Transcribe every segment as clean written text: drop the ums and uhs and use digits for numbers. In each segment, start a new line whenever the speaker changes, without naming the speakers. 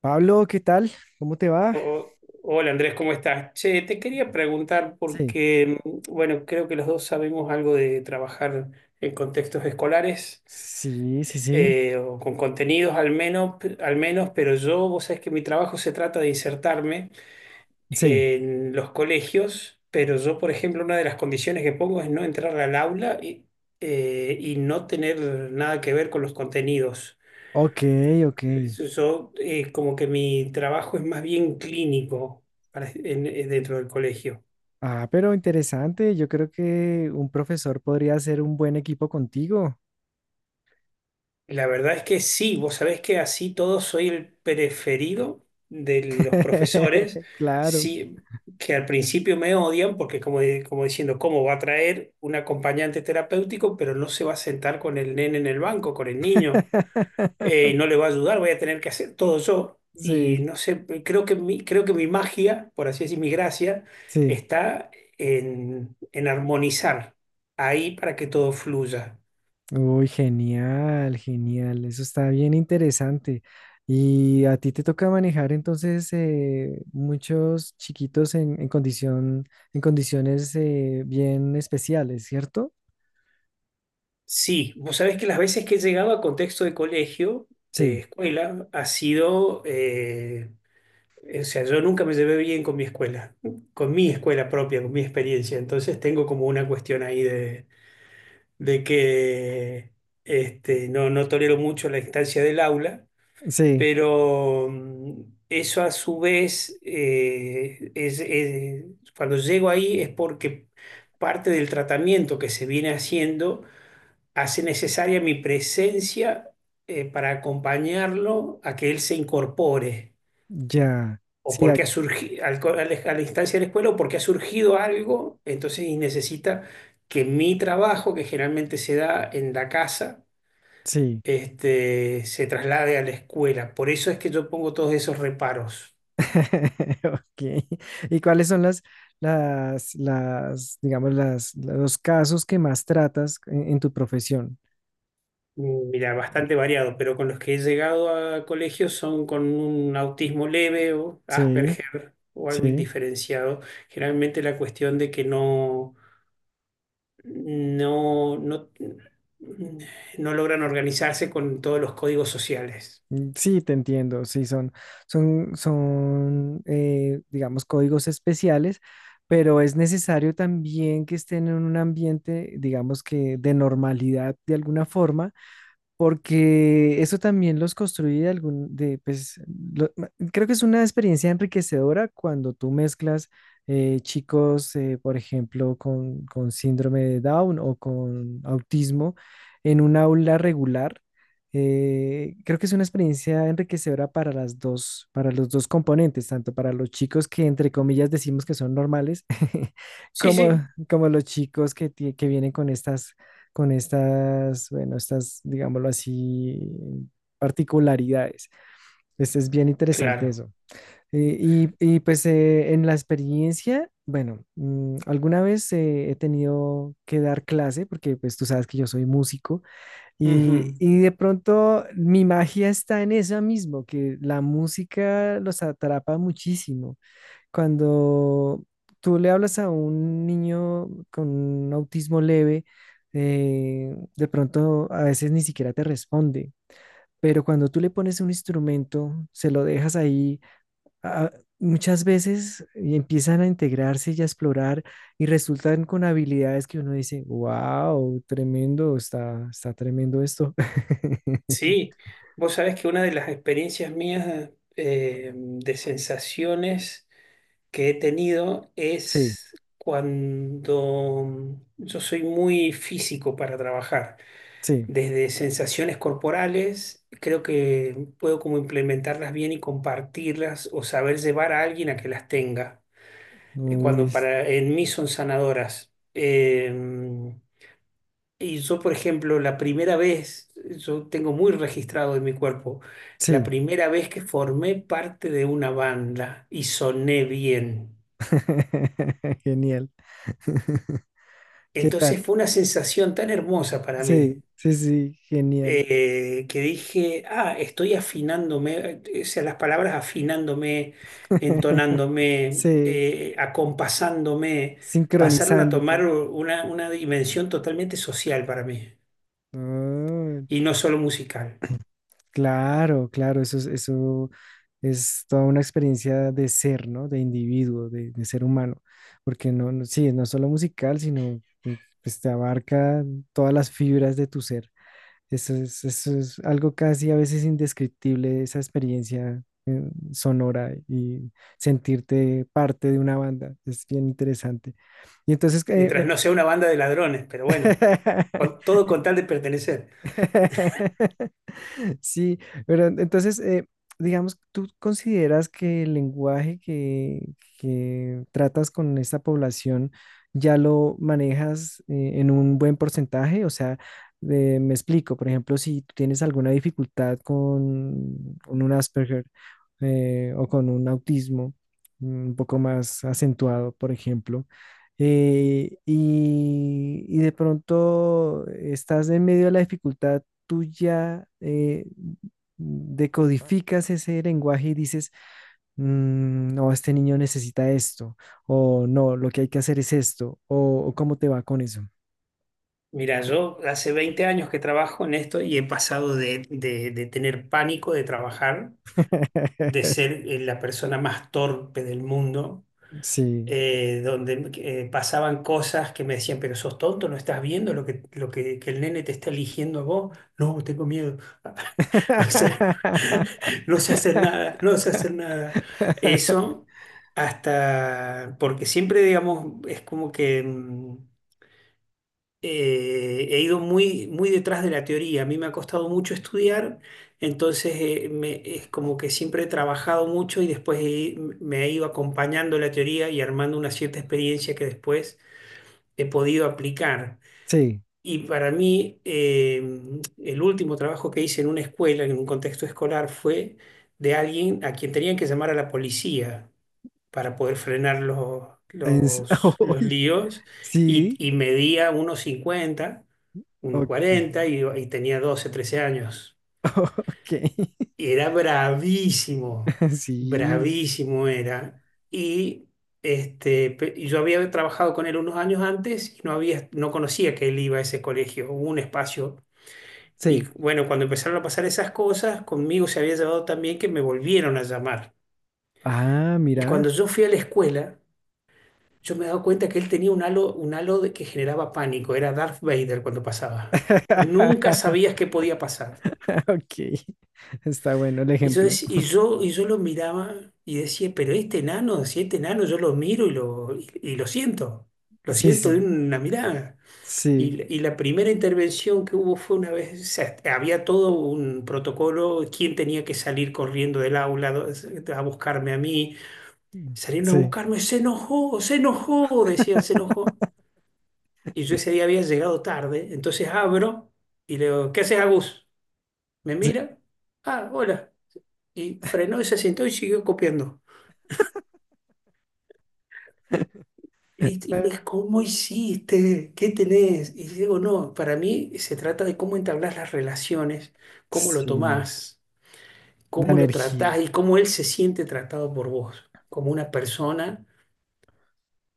Pablo, ¿qué tal? ¿Cómo te va?
O- hola Andrés, ¿cómo estás? Che, te quería preguntar
Sí,
porque, bueno, creo que los dos sabemos algo de trabajar en contextos escolares,
Sí, sí, sí,
o con contenidos al menos, pero yo, vos sabés que mi trabajo se trata de insertarme
sí.
en los colegios, pero yo, por ejemplo, una de las condiciones que pongo es no entrar al aula y no tener nada que ver con los contenidos.
Ok, ok.
Yo, como que mi trabajo es más bien clínico dentro del colegio.
Ah, pero interesante. Yo creo que un profesor podría hacer un buen equipo contigo.
La verdad es que sí, vos sabés que así todo soy el preferido de los profesores,
Claro.
sí, que al principio me odian porque como diciendo, ¿cómo va a traer un acompañante terapéutico, pero no se va a sentar con el nene en el banco, con el niño? No le va a ayudar, voy a tener que hacer todo yo. Y
Sí,
no sé, creo que mi, magia, por así decir, mi gracia,
sí.
está en armonizar ahí para que todo fluya.
Uy, genial, genial. Eso está bien interesante. Y a ti te toca manejar entonces muchos chiquitos en condición, en condiciones bien especiales, ¿cierto?
Sí, vos sabés que las veces que he llegado a contexto de colegio, de
Sí.
escuela, ha sido, o sea, yo nunca me llevé bien con mi escuela propia, con mi experiencia. Entonces tengo como una cuestión ahí de que este, no, no tolero mucho la instancia del aula,
Sí,
pero eso a su vez, cuando llego ahí es porque parte del tratamiento que se viene haciendo hace necesaria mi presencia, para acompañarlo a que él se incorpore.
ya.
O
Sí,
porque ha surgido, al co- a la instancia de la escuela, o porque ha surgido algo, entonces y necesita que mi trabajo, que generalmente se da en la casa,
sí.
este, se traslade a la escuela. Por eso es que yo pongo todos esos reparos.
Ok. ¿Y cuáles son las, digamos, las, los casos que más tratas en tu profesión?
Mira, bastante variado, pero con los que he llegado a colegios son con un autismo leve o
Sí,
Asperger o algo
sí.
indiferenciado. Generalmente la cuestión de que no, no, no, mm, no logran organizarse con todos los códigos sociales.
Mm, sí, te entiendo. Sí, son, digamos, códigos especiales, pero es necesario también que estén en un ambiente, digamos que de normalidad de alguna forma. Porque eso también los construye pues, creo que es una experiencia enriquecedora cuando tú mezclas chicos, por ejemplo, con síndrome de Down o con autismo en un aula regular. Creo que es una experiencia enriquecedora para las dos, para los dos componentes, tanto para los chicos que entre comillas decimos que son normales,
Sí,
como,
sí,
como los chicos que vienen con estas, bueno, estas, digámoslo así, particularidades. Pues es bien interesante
claro.
eso. Y, pues, en la experiencia, bueno, alguna vez he tenido que dar clase porque pues tú sabes que yo soy músico y,
Ujú.
y de pronto mi magia está en eso mismo, que la música los atrapa muchísimo cuando tú le hablas a un niño con autismo leve, de pronto a veces ni siquiera te responde, pero cuando tú le pones un instrumento, se lo dejas ahí, a- muchas veces y empiezan a integrarse y a explorar y resultan con habilidades que uno dice, wow, tremendo, está tremendo esto.
Sí, vos sabés que una de las experiencias mías, de sensaciones que he tenido,
Sí,
es cuando yo soy muy físico para trabajar,
sí,
desde sensaciones corporales, creo que puedo como implementarlas bien y compartirlas, o saber llevar a alguien a que las tenga, cuando
uy,
para en mí son sanadoras. Y yo, por ejemplo, la primera vez, yo tengo muy registrado en mi cuerpo la
sí,
primera vez que formé parte de una banda y soné bien.
genial. ¿Qué tal?
Entonces fue una sensación tan hermosa para mí,
Sí, sí, sí, genial.
que dije, ah, estoy afinándome, o sea, las palabras afinándome, entonándome,
Sí,
acompasándome, pasaron a
sincronizándote.
tomar una, dimensión totalmente social para mí
Ah,
y no solo musical,
claro, claro, eso es toda una experiencia de ser, ¿no? De individuo, de ser humano, porque no, sí, no es solo musical, sino que, pues, te abarca todas las fibras de tu ser. Eso es algo casi a veces indescriptible, esa experiencia sonora y sentirte parte de una banda. Es bien interesante. Y entonces, eh,
mientras
eh,
no sea una banda de ladrones, pero bueno, todo con tal de pertenecer.
Sí, pero entonces, digamos, ¿tú consideras que el lenguaje que tratas con esta población ya lo manejas en un buen porcentaje? O sea, me explico, por ejemplo, si tú tienes alguna dificultad con un Asperger o con un autismo un poco más acentuado, por ejemplo, y de pronto estás en medio de la dificultad tú ya decodificas ese lenguaje y dices, "Mm, no, este niño necesita esto, o no, lo que hay que hacer es esto, o cómo te va con eso.
Mira, yo hace 20 años que trabajo en esto y he pasado de tener pánico de trabajar, de ser, la persona más torpe del mundo,
Sí.
donde pasaban cosas que me decían, pero sos tonto, no estás viendo que el nene te está eligiendo a vos. No, tengo miedo. O sea, no sé hacer nada, no sé hacer nada. Eso hasta, porque siempre, digamos, es como que he ido muy, muy detrás de la teoría. A mí me ha costado mucho estudiar, entonces es como que siempre he trabajado mucho y después me he ido acompañando la teoría y armando una cierta experiencia que después he podido aplicar.
Sí.
Y para mí, el último trabajo que hice en una escuela, en un contexto escolar, fue de alguien a quien tenían que llamar a la policía para poder frenar los,
En s-
los, los
Uy,
líos, y,
sí.
y medía 1,50,
Ok.
1,40, y tenía 12 13 años.
Ok.
Y era bravísimo,
Sí.
bravísimo era. Y, y yo había trabajado con él unos años antes y no había, no conocía que él iba a ese colegio, hubo un espacio. Y
Sí.
bueno, cuando empezaron a pasar esas cosas, conmigo se había llevado también, que me volvieron a llamar.
Ah,
Y
mira.
cuando yo fui a la escuela, yo me he dado cuenta que él tenía un halo de que generaba pánico. Era Darth Vader cuando pasaba. Nunca sabías qué podía pasar.
Ok. Está bueno el
Y yo,
ejemplo.
dec- y yo, y yo lo miraba y decía, pero este enano, si este enano yo lo miro y lo siento. Lo
Sí,
siento de
sí.
una mirada. Y,
Sí.
la- y la primera intervención que hubo fue una vez, o sea, había todo un protocolo, quién tenía que salir corriendo del aula a buscarme a mí. Salieron a
Sí.
buscarme, se enojó, decían, se enojó. Y yo ese día había llegado tarde, entonces abro y le digo, ¿qué haces, Agus? Me
Sí.
mira, ah, hola. Y frenó y se sentó y siguió copiando. Y me
Eh,
dijo, ¿cómo hiciste? ¿Qué tenés? Y digo, no, para mí se trata de cómo entablas las relaciones, cómo lo
sí,
tomás,
la
cómo lo
energía.
tratás y cómo él se siente tratado por vos, como una persona.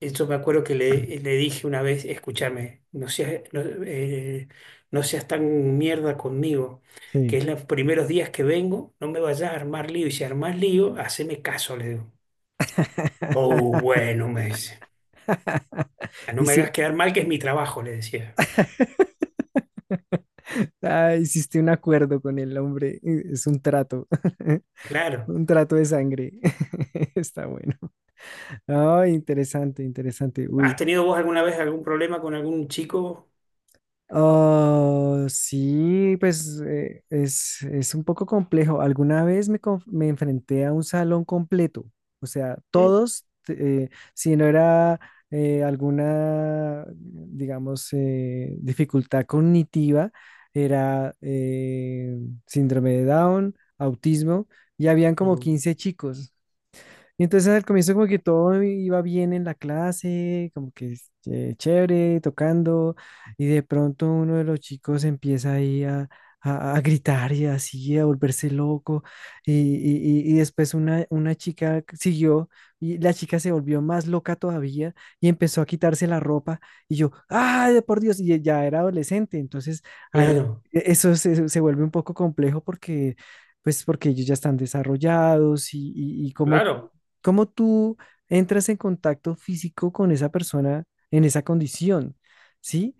Yo me acuerdo que le dije una vez, escúchame, no seas tan mierda conmigo,
Sí.
que es los primeros días que vengo, no me vayas a armar lío, y si armás lío, haceme caso, le digo. Oh, bueno, me dice, "Ah, no
Y
me
si
hagas quedar mal, que es mi trabajo", le decía.
ah, hiciste un acuerdo con el hombre, es un trato,
Claro,
un trato de sangre. Está bueno. Ay, interesante, interesante. Uy,
¿has tenido vos alguna vez algún problema con algún chico?
oh, sí, pues, es un poco complejo. Alguna vez me enfrenté a un salón completo, o sea, todos, si no era alguna, digamos, dificultad cognitiva, era síndrome de Down, autismo, y habían como
Mm,
15 chicos. Y entonces al comienzo como que todo iba bien en la clase, como que chévere, tocando, y de pronto uno de los chicos empieza ahí a, a gritar y así, a volverse loco, y después una chica siguió, y la chica se volvió más loca todavía, y empezó a quitarse la ropa, y yo, ¡ay, por Dios! Y ya era adolescente, entonces ahí
claro,
eso se vuelve un poco complejo porque pues porque ellos ya están desarrollados y cómo.
claro.
¿Cómo tú entras en contacto físico con esa persona en esa condición? ¿Sí?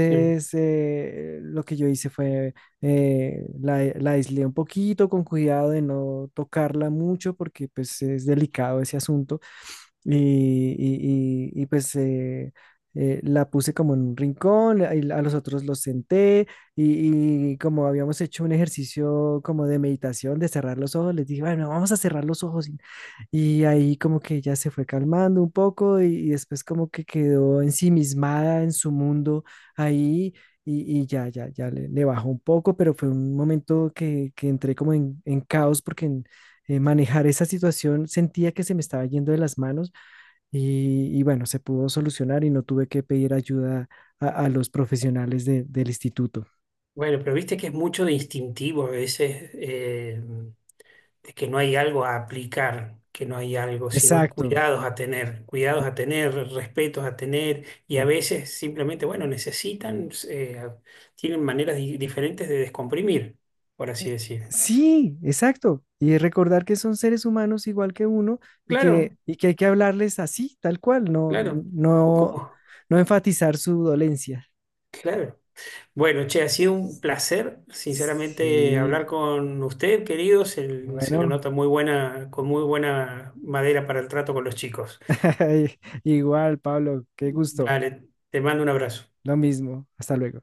Sí.
lo que yo hice fue, la aislé un poquito con cuidado de no tocarla mucho porque pues es delicado ese asunto y, y, pues, la puse como en un rincón, y a los otros los senté y como habíamos hecho un ejercicio como de meditación, de cerrar los ojos, les dije, bueno, vamos a cerrar los ojos y ahí como que ella se fue calmando un poco y después como que quedó ensimismada en su mundo ahí y ya le bajó un poco, pero fue un momento que entré como en caos porque manejar esa situación sentía que se me estaba yendo de las manos y bueno, se pudo solucionar y no tuve que pedir ayuda a los profesionales del instituto.
Bueno, pero viste que es mucho de instintivo a veces. De que no hay algo a aplicar, que no hay algo, sino
Exacto.
cuidados a tener, respetos a tener, y a veces simplemente, bueno, necesitan, tienen maneras diferentes de descomprimir, por así decir.
Sí, exacto. Y recordar que son seres humanos igual que uno y que,
Claro,
y que hay que hablarles así, tal cual, no,
claro, un poco
no,
como,
no enfatizar su dolencia.
claro. Bueno, che, ha sido un placer, sinceramente,
Sí,
hablar con usted, querido. Se le
bueno,
nota muy buena, con muy buena madera para el trato con los chicos.
igual, Pablo, qué gusto.
Dale, te mando un abrazo.
Lo mismo. Hasta luego.